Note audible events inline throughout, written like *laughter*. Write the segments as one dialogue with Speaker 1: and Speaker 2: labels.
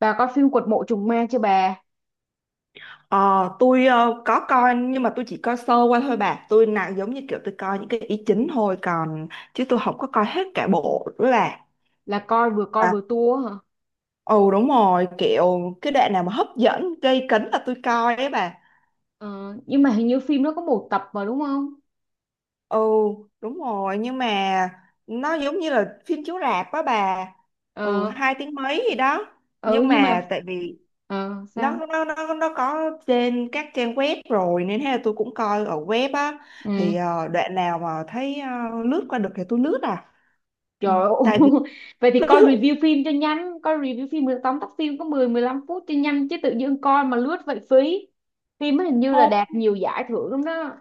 Speaker 1: Bà coi phim Quật mộ trùng ma chưa bà?
Speaker 2: Ờ, tôi có coi, nhưng mà tôi chỉ coi sơ qua thôi bà, tôi nào giống như kiểu tôi coi những cái ý chính thôi, còn chứ tôi không có coi hết cả bộ nữa bà.
Speaker 1: Là coi
Speaker 2: À,
Speaker 1: vừa tua hả?
Speaker 2: ừ đúng rồi, kiểu cái đoạn nào mà hấp dẫn gây cấn là tôi coi ấy bà.
Speaker 1: Ờ, nhưng mà hình như phim nó có một tập mà đúng không?
Speaker 2: Ừ đúng rồi, nhưng mà nó giống như là phim chiếu rạp á bà. Ừ
Speaker 1: Ờ,
Speaker 2: hai tiếng mấy gì đó.
Speaker 1: ừ,
Speaker 2: Nhưng
Speaker 1: nhưng
Speaker 2: mà
Speaker 1: mà
Speaker 2: tại vì nó
Speaker 1: sao?
Speaker 2: nó nó nó có trên các trang web rồi, nên thế là tôi cũng coi ở web á.
Speaker 1: Ừ,
Speaker 2: Thì đoạn nào mà thấy lướt qua được thì tôi lướt à. Ừ,
Speaker 1: trời ơi.
Speaker 2: tại vì
Speaker 1: *laughs* Vậy thì
Speaker 2: *laughs*
Speaker 1: coi review phim cho nhanh, coi review phim 10 tóm tắt phim có mười mười lăm phút cho nhanh chứ tự nhiên coi mà lướt vậy phí. Phim nó hình như là
Speaker 2: không,
Speaker 1: đạt nhiều giải thưởng lắm đó.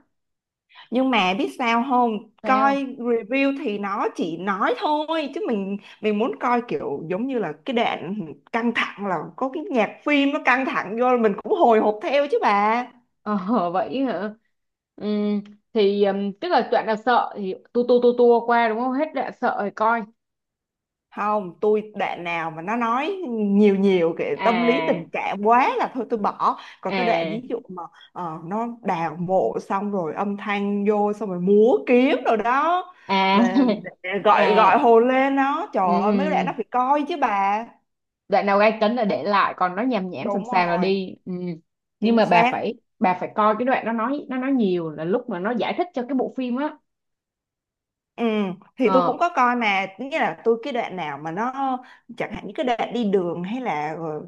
Speaker 2: nhưng mà biết sao không,
Speaker 1: Sao?
Speaker 2: coi review thì nó chỉ nói thôi, chứ mình muốn coi kiểu giống như là cái đoạn căng thẳng là có cái nhạc phim nó căng thẳng vô là mình cũng hồi hộp theo chứ bà.
Speaker 1: Ờ, *laughs* vậy hả? Ừ, thì tức là đoạn nào sợ thì tua tua tua tua qua đúng không? Hết đoạn sợ rồi coi.
Speaker 2: Không, tôi đoạn nào mà nó nói nhiều nhiều cái tâm lý
Speaker 1: À,
Speaker 2: tình cảm quá là thôi tôi bỏ, còn cái đoạn
Speaker 1: à,
Speaker 2: ví dụ mà nó đào mộ xong rồi âm thanh vô xong rồi múa kiếm rồi đó,
Speaker 1: à,
Speaker 2: để,
Speaker 1: *laughs*
Speaker 2: để gọi
Speaker 1: à,
Speaker 2: gọi hồn lên nó,
Speaker 1: ừ,
Speaker 2: trời ơi mấy cái đoạn nó
Speaker 1: ừ.
Speaker 2: phải coi chứ bà.
Speaker 1: Đoạn nào gai cấn là
Speaker 2: Đấy,
Speaker 1: để lại, còn nó nhàm nhảm sầm
Speaker 2: đúng
Speaker 1: sàm là
Speaker 2: rồi,
Speaker 1: đi, ừ. Nhưng
Speaker 2: chính
Speaker 1: mà bà
Speaker 2: xác.
Speaker 1: phải bà phải coi cái đoạn nó nói nhiều là lúc mà nó giải thích cho cái bộ phim á.
Speaker 2: Ừ, thì tôi
Speaker 1: Ờ,
Speaker 2: cũng có coi, mà nghĩa là tôi cái đoạn nào mà nó, chẳng hạn những cái đoạn đi đường hay là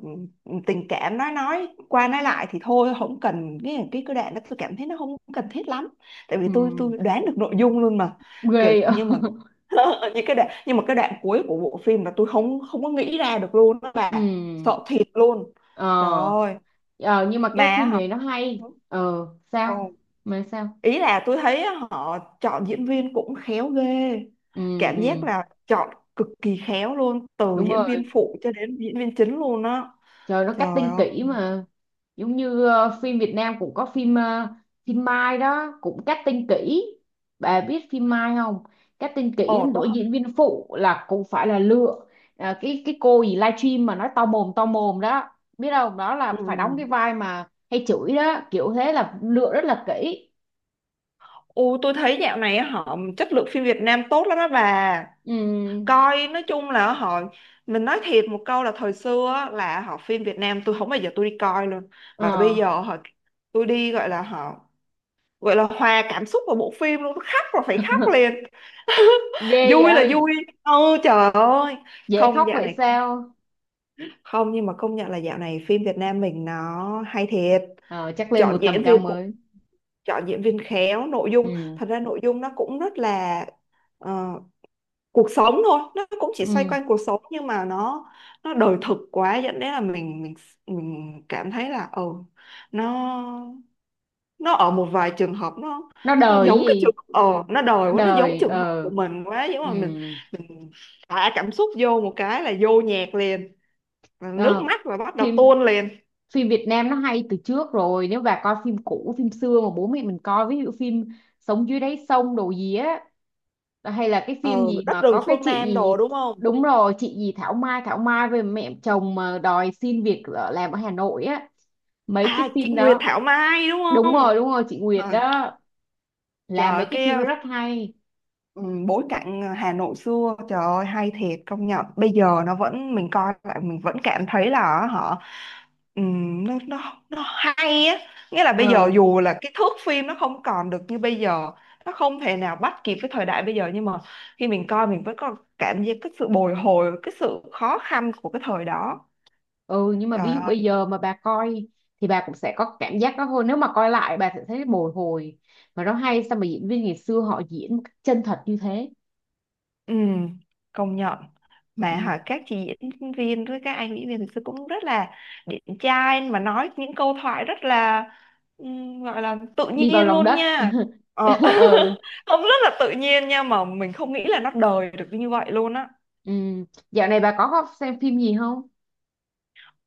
Speaker 2: tình cảm nói qua nói lại thì thôi không cần, cái đoạn đó tôi cảm thấy nó không cần thiết lắm, tại vì
Speaker 1: ừ.
Speaker 2: tôi đoán được nội dung luôn mà. Kiểu,
Speaker 1: Ghê á.
Speaker 2: nhưng mà *laughs* những cái đoạn, nhưng mà cái đoạn cuối của bộ phim là tôi không không có nghĩ ra được luôn đó
Speaker 1: *laughs*
Speaker 2: bà,
Speaker 1: Ừ.
Speaker 2: sợ thiệt luôn.
Speaker 1: Ờ,
Speaker 2: Trời ơi,
Speaker 1: ờ, nhưng mà
Speaker 2: mà
Speaker 1: cái phim
Speaker 2: hả?
Speaker 1: này nó hay. Ờ
Speaker 2: Ừ,
Speaker 1: sao mà sao,
Speaker 2: ý là tôi thấy họ chọn diễn viên cũng khéo ghê,
Speaker 1: ừ,
Speaker 2: cảm giác
Speaker 1: ừ.
Speaker 2: là chọn cực kỳ khéo luôn, từ
Speaker 1: Đúng
Speaker 2: diễn
Speaker 1: rồi,
Speaker 2: viên phụ cho đến diễn viên chính luôn á.
Speaker 1: trời nó
Speaker 2: Trời
Speaker 1: cutting
Speaker 2: ơi.
Speaker 1: kỹ mà. Giống như ờ, phim Việt Nam cũng có phim ờ, phim Mai đó cũng cutting kỹ. Bà biết phim Mai không? Cutting kỹ
Speaker 2: Ồ
Speaker 1: đến
Speaker 2: tôi,
Speaker 1: nỗi diễn viên phụ là cũng phải là lựa. À, cái cô gì livestream mà nói to mồm đó, biết không, đó
Speaker 2: ừ.
Speaker 1: là phải đóng cái vai mà hay chửi đó, kiểu thế là lựa rất là kỹ.
Speaker 2: Ồ, tôi thấy dạo này họ chất lượng phim Việt Nam tốt lắm đó bà,
Speaker 1: Ừ.
Speaker 2: coi nói chung là họ, mình nói thiệt một câu là thời xưa á, là họ phim Việt Nam tôi không bao giờ tôi đi coi luôn. Mà bây
Speaker 1: Ờ,
Speaker 2: giờ họ, tôi đi gọi là họ gọi là hòa cảm xúc vào bộ phim luôn, tôi khóc rồi phải khóc
Speaker 1: *laughs*
Speaker 2: liền. *laughs*
Speaker 1: ghê
Speaker 2: Vui là
Speaker 1: vậy.
Speaker 2: vui, ừ trời ơi.
Speaker 1: Dễ khóc
Speaker 2: Không dạo
Speaker 1: vậy
Speaker 2: này công nhận-
Speaker 1: sao?
Speaker 2: không, nhưng mà công nhận là dạo này phim Việt Nam mình nó hay thiệt,
Speaker 1: Ờ, chắc lên
Speaker 2: chọn
Speaker 1: một tầm
Speaker 2: diễn
Speaker 1: cao
Speaker 2: viên cũng,
Speaker 1: mới.
Speaker 2: chọn diễn viên khéo, nội dung,
Speaker 1: Ừ.
Speaker 2: thật ra nội dung nó cũng rất là ờ, cuộc sống thôi, nó cũng chỉ xoay
Speaker 1: Ừ,
Speaker 2: quanh cuộc sống nhưng mà nó đời thực quá, dẫn đến là mình cảm thấy là ừ, nó nó ở một vài trường hợp nó
Speaker 1: nó
Speaker 2: nó
Speaker 1: đời
Speaker 2: giống cái
Speaker 1: gì?
Speaker 2: trường nó đòi quá, nó giống
Speaker 1: Đời
Speaker 2: trường hợp
Speaker 1: ờ,
Speaker 2: của mình quá giống,
Speaker 1: ừ.
Speaker 2: mà mình thả cảm xúc vô một cái là vô nhạc liền. Và nước
Speaker 1: Ờ,
Speaker 2: mắt là bắt đầu
Speaker 1: phim
Speaker 2: tuôn liền.
Speaker 1: phim Việt Nam nó hay từ trước rồi, nếu bà coi phim cũ phim xưa mà bố mẹ mình coi, ví dụ phim Sống dưới đáy sông đồ gì á, hay là cái
Speaker 2: Ờ
Speaker 1: phim gì
Speaker 2: đất
Speaker 1: mà
Speaker 2: rừng
Speaker 1: có cái
Speaker 2: phương
Speaker 1: chị
Speaker 2: Nam
Speaker 1: gì.
Speaker 2: đồ đúng không.
Speaker 1: Đúng rồi, chị gì Thảo Mai, Thảo Mai về mẹ chồng mà đòi xin việc ở, làm ở Hà Nội á, mấy
Speaker 2: À
Speaker 1: cái
Speaker 2: chị
Speaker 1: phim
Speaker 2: Nguyệt
Speaker 1: đó.
Speaker 2: Thảo Mai đúng
Speaker 1: Đúng
Speaker 2: không.
Speaker 1: rồi, đúng rồi, chị Nguyệt
Speaker 2: Ờ,
Speaker 1: đó. Là mấy
Speaker 2: trời
Speaker 1: cái
Speaker 2: cái.
Speaker 1: phim đó rất hay.
Speaker 2: Ừ, bối cảnh Hà Nội xưa trời ơi hay thiệt công nhận, bây giờ nó vẫn mình coi lại mình vẫn cảm thấy là họ nó hay á, nghĩa là bây
Speaker 1: Ờ.
Speaker 2: giờ dù là cái thước phim nó không còn được như bây giờ, nó không thể nào bắt kịp với thời đại bây giờ, nhưng mà khi mình coi mình vẫn có cảm giác cái sự bồi hồi, cái sự khó khăn của cái thời đó.
Speaker 1: Ừ, nhưng mà ví dụ
Speaker 2: Trời.
Speaker 1: bây giờ mà bà coi thì bà cũng sẽ có cảm giác đó thôi, nếu mà coi lại bà sẽ thấy bồi hồi. Mà nó hay sao mà diễn viên ngày xưa họ diễn một cách chân thật như thế.
Speaker 2: Ừ, công nhận. Mà
Speaker 1: Ừ.
Speaker 2: hỏi các chị diễn viên với các anh diễn viên thực sự cũng rất là điển trai, mà nói những câu thoại rất là gọi là tự
Speaker 1: Đi vào
Speaker 2: nhiên
Speaker 1: lòng
Speaker 2: luôn
Speaker 1: đất.
Speaker 2: nha.
Speaker 1: *laughs*
Speaker 2: ờ,
Speaker 1: Ừ.
Speaker 2: *laughs* không rất là tự nhiên nha, mà mình không nghĩ là nó đời được như vậy luôn á.
Speaker 1: Ừ, dạo này bà có xem phim gì không?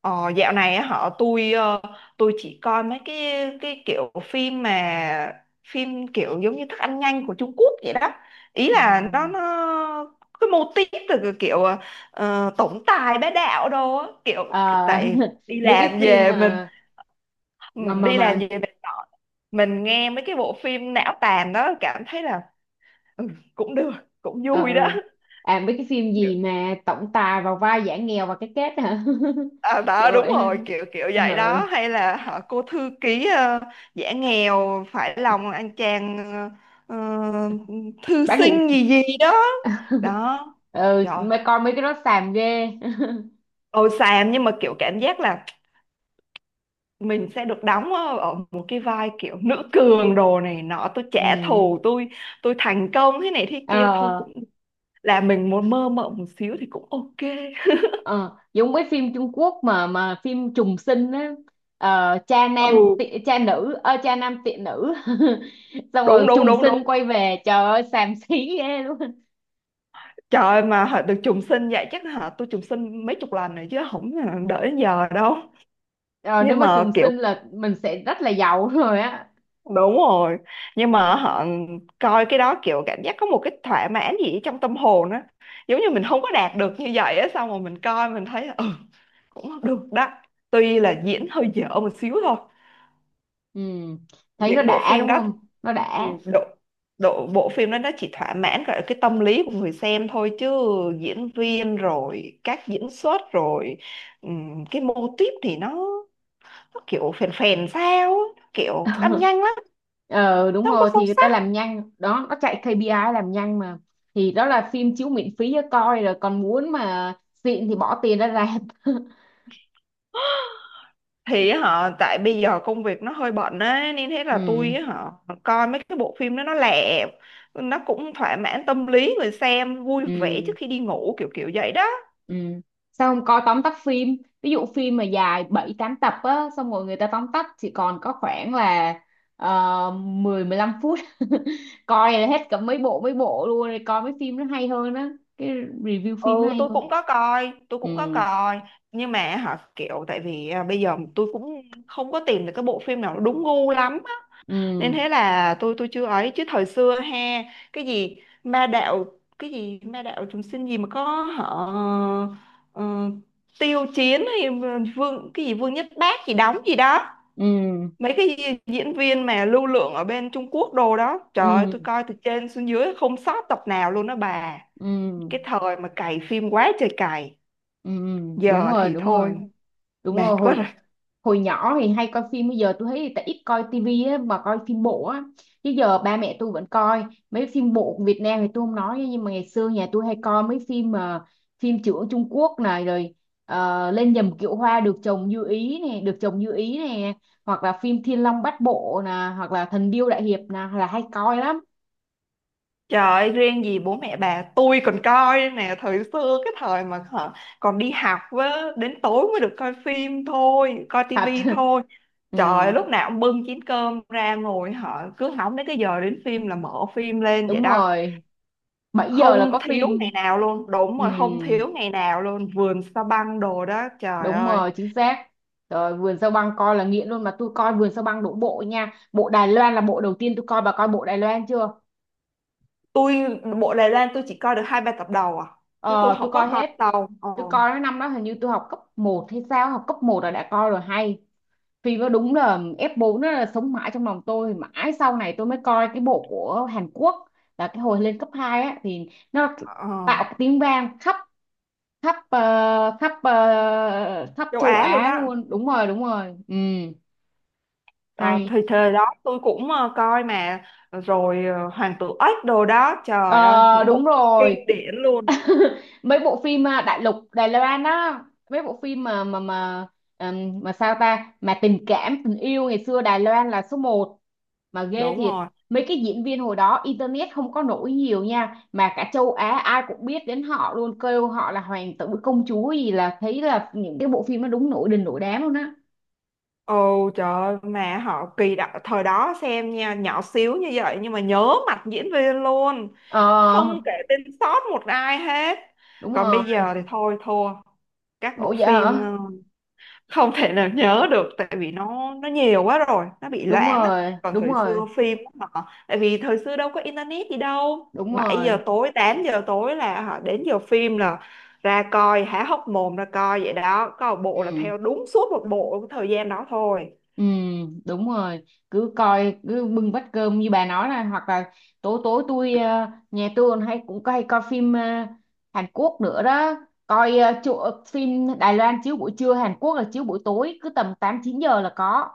Speaker 2: Ờ, dạo này á, họ tôi tôi chỉ coi mấy cái kiểu phim mà phim kiểu giống như thức ăn nhanh của Trung Quốc vậy đó, ý là nó
Speaker 1: À,
Speaker 2: nó cái mô típ từ cái kiểu tổng tài bá đạo đồ á, kiểu
Speaker 1: ờ,
Speaker 2: tại
Speaker 1: *laughs*
Speaker 2: đi
Speaker 1: mấy cái
Speaker 2: làm
Speaker 1: phim
Speaker 2: về mình,
Speaker 1: mà
Speaker 2: ừ,
Speaker 1: mà mà
Speaker 2: đi làm
Speaker 1: mà
Speaker 2: về mình nói- mình nghe mấy cái bộ phim não tàn đó, cảm thấy là ừ, cũng được, cũng
Speaker 1: ờ,
Speaker 2: vui đó.
Speaker 1: à mấy cái phim gì mà tổng tài vào vai giả nghèo và cái kết hả?
Speaker 2: À,
Speaker 1: *laughs* Kiểu
Speaker 2: đó đúng
Speaker 1: vậy ha.
Speaker 2: rồi kiểu kiểu vậy
Speaker 1: Ờ.
Speaker 2: đó, hay là họ cô thư ký giả nghèo phải lòng anh chàng ờ, ờ, thư
Speaker 1: Bán hủ.
Speaker 2: sinh gì gì đó
Speaker 1: *laughs*
Speaker 2: đó.
Speaker 1: Ừ,
Speaker 2: Trời
Speaker 1: mấy coi mấy cái đó xàm ghê. *laughs*
Speaker 2: ôi xàm, nhưng mà kiểu cảm giác là mình sẽ được đóng ở ở một cái vai kiểu nữ cường đồ này nọ, tôi trả
Speaker 1: Ừ.
Speaker 2: thù, tôi thành công thế này thế
Speaker 1: Ờ,
Speaker 2: kia thôi cũng là mình muốn mơ mộng một xíu thì cũng ok.
Speaker 1: ờ, giống cái phim Trung Quốc mà phim trùng sinh á. Ờ, cha
Speaker 2: Ừ
Speaker 1: nam tị, cha nữ ơ cha nam tiện nữ *laughs* xong rồi
Speaker 2: đúng đúng
Speaker 1: trùng
Speaker 2: đúng
Speaker 1: sinh
Speaker 2: đúng.
Speaker 1: quay về, trời ơi xàm xí ghê luôn.
Speaker 2: Trời ơi, mà họ được trùng sinh vậy, chắc hả tôi trùng sinh mấy chục lần rồi chứ không đợi đến giờ đâu.
Speaker 1: Ờ, nếu
Speaker 2: Nhưng
Speaker 1: mà
Speaker 2: mà
Speaker 1: trùng
Speaker 2: kiểu,
Speaker 1: sinh là mình sẽ rất là giàu *laughs* rồi á.
Speaker 2: đúng rồi, nhưng mà họ coi cái đó kiểu cảm giác có một cái thỏa mãn gì trong tâm hồn á, giống như mình không có đạt được như vậy á, xong rồi mình coi mình thấy ừ, cũng được đó, tuy là diễn hơi dở một xíu thôi.
Speaker 1: Ừ, thấy nó
Speaker 2: Những bộ
Speaker 1: đã
Speaker 2: phim
Speaker 1: đúng
Speaker 2: đó.
Speaker 1: không, nó
Speaker 2: Ừ,
Speaker 1: đã.
Speaker 2: độ độ bộ phim đó nó chỉ thỏa mãn gọi là cái tâm lý của người xem thôi, chứ diễn viên rồi các diễn xuất rồi cái mô típ thì nó kiểu phèn phèn sao á, kiểu thức ăn
Speaker 1: *laughs*
Speaker 2: nhanh lắm,
Speaker 1: Ờ, đúng
Speaker 2: nó không có
Speaker 1: rồi thì
Speaker 2: sâu
Speaker 1: người ta
Speaker 2: sắc.
Speaker 1: làm nhanh đó, nó chạy ca pê i làm nhanh mà. Thì đó là phim chiếu miễn phí cho coi rồi, còn muốn mà xịn thì bỏ tiền ra rạp. *laughs*
Speaker 2: Thì họ tại bây giờ công việc nó hơi bận á, nên thế là tôi
Speaker 1: Ừ.
Speaker 2: họ coi mấy cái bộ phim đó nó lẹ, nó cũng thỏa mãn tâm lý người xem, vui vẻ trước
Speaker 1: Ừ.
Speaker 2: khi đi ngủ kiểu kiểu vậy đó.
Speaker 1: Ừ, sao không coi tóm tắt phim, ví dụ phim mà dài 7 8 tập á xong rồi người ta tóm tắt chỉ còn có khoảng là 10 15 phút. *laughs* Coi là hết cả mấy bộ luôn, rồi coi mấy phim nó hay hơn á. Cái review phim nó
Speaker 2: Ừ
Speaker 1: hay
Speaker 2: tôi
Speaker 1: hơn.
Speaker 2: cũng có coi, tôi cũng có
Speaker 1: Ừ.
Speaker 2: coi, nhưng mà hả kiểu tại vì à, bây giờ tôi cũng không có tìm được cái bộ phim nào nó đúng gu lắm á. Nên
Speaker 1: Ừ.
Speaker 2: thế là tôi chưa ấy, chứ thời xưa ha, cái gì ma đạo, cái gì ma đạo chúng sinh gì mà có họ ờ, tiêu chiến hay, vương cái gì vương nhất bác gì đóng gì đó,
Speaker 1: Ừ.
Speaker 2: mấy cái gì- diễn viên mà lưu lượng ở bên Trung Quốc đồ đó, trời ơi
Speaker 1: Ừ.
Speaker 2: tôi coi từ trên xuống dưới không sót tập nào luôn đó bà.
Speaker 1: Ừ,
Speaker 2: Cái thời mà cày phim quá trời cày,
Speaker 1: ừ, ừ, đúng
Speaker 2: giờ
Speaker 1: rồi,
Speaker 2: thì
Speaker 1: đúng
Speaker 2: thôi
Speaker 1: rồi. Đúng
Speaker 2: mệt
Speaker 1: rồi,
Speaker 2: quá
Speaker 1: hồi
Speaker 2: rồi.
Speaker 1: hồi nhỏ thì hay coi phim, bây giờ tôi thấy tại ít coi tivi á mà coi phim bộ á. Chứ giờ ba mẹ tôi vẫn coi mấy phim bộ của Việt Nam thì tôi không nói, nhưng mà ngày xưa nhà tôi hay coi mấy phim mà phim trưởng Trung Quốc này, rồi ờ, lên nhầm kiệu hoa được chồng như ý này, được chồng như ý này, hoặc là phim Thiên Long Bát Bộ nè, hoặc là Thần Điêu Đại Hiệp nè là hay coi lắm.
Speaker 2: Trời ơi, riêng gì bố mẹ bà, tôi còn coi đây nè, thời xưa cái thời mà hả, còn đi học với, đến tối mới được coi phim thôi, coi
Speaker 1: Thật.
Speaker 2: tivi thôi.
Speaker 1: *laughs* Ừ,
Speaker 2: Trời ơi, lúc nào cũng bưng chén cơm ra ngồi, họ cứ hóng đến cái giờ đến phim là mở phim lên vậy
Speaker 1: đúng
Speaker 2: đó.
Speaker 1: rồi, 7 giờ là
Speaker 2: Không
Speaker 1: có
Speaker 2: thiếu
Speaker 1: phim.
Speaker 2: ngày nào luôn, đúng
Speaker 1: Ừ,
Speaker 2: rồi, không thiếu ngày nào luôn, vườn sa băng đồ đó trời
Speaker 1: đúng
Speaker 2: ơi.
Speaker 1: rồi chính xác. Rồi vườn sao băng coi là nghiện luôn, mà tôi coi vườn sao băng đổ bộ nha, bộ Đài Loan là bộ đầu tiên tôi coi, bà coi bộ Đài Loan chưa?
Speaker 2: Tôi bộ Đài Loan tôi chỉ coi được hai ba tập đầu à, chứ tôi
Speaker 1: Ờ, tôi
Speaker 2: không
Speaker 1: coi
Speaker 2: có coi
Speaker 1: hết.
Speaker 2: sau. Ờ,
Speaker 1: Tôi coi cái năm đó hình như tôi học cấp một hay sao, học cấp một là đã coi rồi hay. Phim nó đúng là ép 4, nó là sống mãi trong lòng tôi mãi, sau này tôi mới coi cái bộ của Hàn Quốc, là cái hồi lên cấp 2 á, thì nó
Speaker 2: ờ,
Speaker 1: tạo cái tiếng vang khắp khắp ờ, khắp ờ, khắp
Speaker 2: Châu
Speaker 1: châu
Speaker 2: Á luôn
Speaker 1: Á
Speaker 2: á.
Speaker 1: luôn, đúng rồi đúng rồi, ừ.
Speaker 2: Ờ,
Speaker 1: Hay.
Speaker 2: thì thời đó tôi cũng coi mà rồi Hoàng tử ếch đồ đó trời ơi,
Speaker 1: Ờ
Speaker 2: những bộ
Speaker 1: đúng
Speaker 2: phim kinh
Speaker 1: rồi.
Speaker 2: điển luôn.
Speaker 1: *laughs* Mấy bộ phim à, đại lục Đài Loan á, mấy bộ phim mà mà sao ta mà tình cảm tình yêu ngày xưa Đài Loan là số một, mà ghê
Speaker 2: Đúng
Speaker 1: thiệt.
Speaker 2: rồi.
Speaker 1: Mấy cái diễn viên hồi đó internet không có nổi nhiều nha, mà cả châu Á ai cũng biết đến họ luôn, kêu họ là hoàng tử công chúa gì, là thấy là những cái bộ phim nó đúng nổi đình nổi đám luôn á.
Speaker 2: Ồ trời ơi, mà họ kỳ đó, thời đó xem nha, nhỏ xíu như vậy nhưng mà nhớ mặt diễn viên luôn,
Speaker 1: Ờ
Speaker 2: không kể tên sót một ai hết.
Speaker 1: đúng
Speaker 2: Còn
Speaker 1: rồi.
Speaker 2: bây giờ thì thôi thua, các
Speaker 1: Ủa
Speaker 2: bộ
Speaker 1: vậy
Speaker 2: phim
Speaker 1: hả?
Speaker 2: không thể nào nhớ được, tại vì nó nhiều quá rồi, nó bị
Speaker 1: Đúng
Speaker 2: loãng á.
Speaker 1: rồi,
Speaker 2: Còn
Speaker 1: đúng
Speaker 2: thời
Speaker 1: rồi.
Speaker 2: xưa phim á, họ tại vì thời xưa đâu có internet gì đâu,
Speaker 1: Đúng rồi, đúng
Speaker 2: 7 giờ
Speaker 1: rồi.
Speaker 2: tối 8 giờ tối là họ đến giờ phim là ra coi há hốc mồm ra coi vậy đó, có một bộ là
Speaker 1: Ừ.
Speaker 2: theo đúng suốt một bộ cái thời gian đó thôi.
Speaker 1: Ừ, đúng rồi, cứ coi cứ bưng bát cơm như bà nói, là hoặc là tối tối tôi ờ, nhà tôi còn hay cũng hay coi phim ờ, Hàn Quốc nữa đó. Coi ờ, chỗ, ờ, phim Đài Loan chiếu buổi trưa, Hàn Quốc là chiếu buổi tối, cứ tầm 8 9 giờ là có.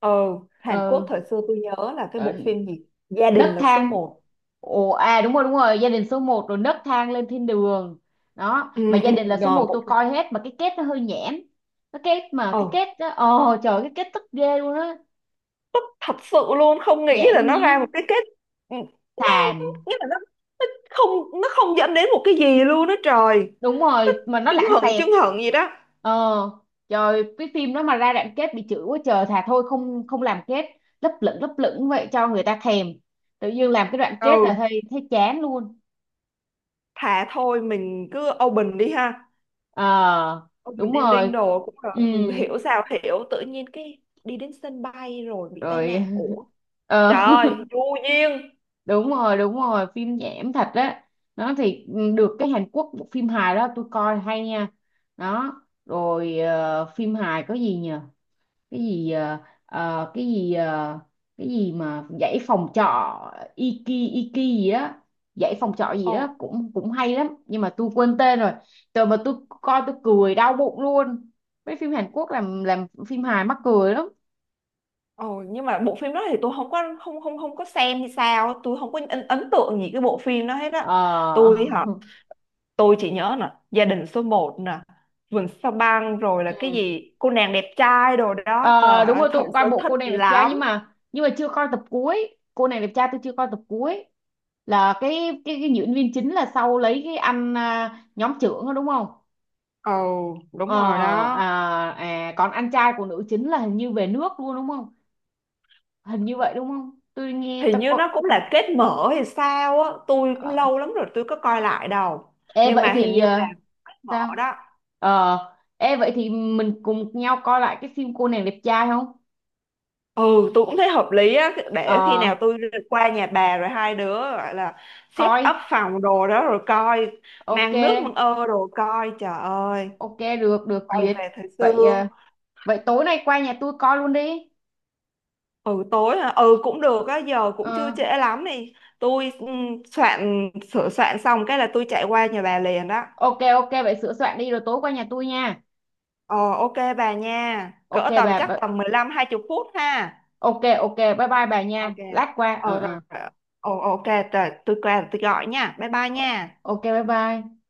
Speaker 2: Ừ. Hàn Quốc
Speaker 1: Ừ,
Speaker 2: thời xưa tôi nhớ là cái
Speaker 1: ờ,
Speaker 2: bộ phim gì gia
Speaker 1: nấc
Speaker 2: đình là số
Speaker 1: thang.
Speaker 2: một.
Speaker 1: Ồ à, đúng rồi đúng rồi, gia đình số một, rồi nấc thang lên thiên đường. Đó,
Speaker 2: ừ,
Speaker 1: mà gia
Speaker 2: ừ,
Speaker 1: đình là số
Speaker 2: rồi
Speaker 1: một
Speaker 2: bộ
Speaker 1: tôi
Speaker 2: phim,
Speaker 1: coi hết mà cái kết nó hơi nhảm. Cái kết mà
Speaker 2: ừ
Speaker 1: cái kết đó, ồ trời cái kết tức ghê luôn á.
Speaker 2: thật sự luôn, không nghĩ
Speaker 1: Nhảm
Speaker 2: là nó
Speaker 1: nhí.
Speaker 2: ra một cái kết. Ừ, nó
Speaker 1: Xàm.
Speaker 2: nghĩa là nó, nó không dẫn đến một cái gì luôn đó trời.
Speaker 1: Đúng
Speaker 2: Nó
Speaker 1: rồi, mà nó lãng xẹt.
Speaker 2: chưng hửng gì đó.
Speaker 1: Ờ, trời cái phim đó mà ra đoạn kết bị chửi quá trời, thà thôi không không làm kết, lấp lửng vậy cho người ta thèm, tự nhiên làm cái đoạn kết
Speaker 2: Ừ,
Speaker 1: là thấy thấy chán luôn.
Speaker 2: thà thôi mình cứ open đi ha,
Speaker 1: Ờ,
Speaker 2: open
Speaker 1: đúng
Speaker 2: ending
Speaker 1: rồi.
Speaker 2: đồ cũng
Speaker 1: Ừ.
Speaker 2: được, hiểu sao hiểu, tự nhiên cái đi đến sân bay rồi bị tai
Speaker 1: Rồi.
Speaker 2: nạn,
Speaker 1: *laughs*
Speaker 2: ủa
Speaker 1: Ờ.
Speaker 2: trời vô duyên.
Speaker 1: *laughs* Đúng rồi đúng rồi, phim nhảm thật á. Nó thì ừ, được cái Hàn Quốc bộ phim hài đó tôi coi hay nha. Đó, rồi ờ, phim hài có gì nhỉ? Cái gì ờ, ờ, cái gì mà dãy phòng trọ, Iki, Iki gì đó, dãy phòng trọ gì
Speaker 2: Ồ.
Speaker 1: đó cũng cũng hay lắm nhưng mà tôi quên tên rồi. Trời mà tôi coi tôi cười đau bụng luôn. Mấy phim Hàn Quốc làm phim hài mắc cười lắm.
Speaker 2: Ồ, nhưng mà bộ phim đó thì tôi không có không không không có xem hay sao, tôi không có ấn tượng gì cái bộ phim đó hết á.
Speaker 1: Ờ. *laughs*
Speaker 2: Tôi hả, tôi chỉ nhớ nè gia đình số một nè, vườn sao băng, rồi là cái
Speaker 1: Ừ.
Speaker 2: gì cô nàng đẹp trai đồ đó
Speaker 1: Ờ,
Speaker 2: trời
Speaker 1: đúng
Speaker 2: ơi
Speaker 1: rồi tôi
Speaker 2: thời
Speaker 1: cũng coi
Speaker 2: xưa
Speaker 1: bộ
Speaker 2: thích
Speaker 1: cô nàng đẹp trai, nhưng
Speaker 2: lắm.
Speaker 1: mà nhưng mà chưa coi tập cuối, cô nàng đẹp trai tôi chưa coi tập cuối, là cái diễn viên chính là sau lấy cái anh à, nhóm trưởng đó đúng không?
Speaker 2: Ồ đúng
Speaker 1: Ờ,
Speaker 2: rồi
Speaker 1: à,
Speaker 2: đó.
Speaker 1: à, còn anh trai của nữ chính là hình như về nước luôn đúng không? Hình như vậy đúng không? Tôi nghe
Speaker 2: Hình
Speaker 1: tôi
Speaker 2: như
Speaker 1: có.
Speaker 2: nó
Speaker 1: Tôi
Speaker 2: cũng
Speaker 1: có-
Speaker 2: là kết mở hay sao á, tôi cũng
Speaker 1: Ờ.
Speaker 2: lâu lắm rồi tôi có coi lại đâu.
Speaker 1: Ê
Speaker 2: Nhưng
Speaker 1: vậy
Speaker 2: mà hình
Speaker 1: thì
Speaker 2: như là
Speaker 1: ờ,
Speaker 2: kết mở
Speaker 1: sao?
Speaker 2: đó.
Speaker 1: Ờ, ê vậy thì mình cùng nhau coi lại cái phim cô nàng đẹp trai không?
Speaker 2: Ừ tôi cũng thấy hợp lý á, để khi
Speaker 1: Ờ,
Speaker 2: nào tôi qua nhà bà rồi hai đứa gọi là set up
Speaker 1: coi.
Speaker 2: phòng đồ đó rồi coi,
Speaker 1: Ok,
Speaker 2: mang nước mang ơ đồ coi trời ơi,
Speaker 1: ok được được
Speaker 2: quay
Speaker 1: duyệt.
Speaker 2: về thời xưa.
Speaker 1: Vậy ờ, vậy tối nay qua nhà tôi coi luôn đi.
Speaker 2: Ừ tối hả, ừ cũng được á, giờ cũng chưa
Speaker 1: Ờ,
Speaker 2: trễ lắm đi, tôi sửa soạn xong cái là tôi chạy qua nhà bà liền đó.
Speaker 1: ok ok vậy sửa soạn đi rồi tối qua nhà tôi nha.
Speaker 2: Ờ ok bà nha,
Speaker 1: Ok
Speaker 2: cỡ tầm chắc
Speaker 1: bà
Speaker 2: tầm mười lăm hai 20 phút ha.
Speaker 1: ok ok bye bye bà nha.
Speaker 2: Ok,
Speaker 1: Lát qua. Ờ
Speaker 2: ờ rồi
Speaker 1: ờ.
Speaker 2: rồi. Ờ ok, rồi tôi qua tôi gọi nha, bye bye nha.
Speaker 1: Ok bye bye.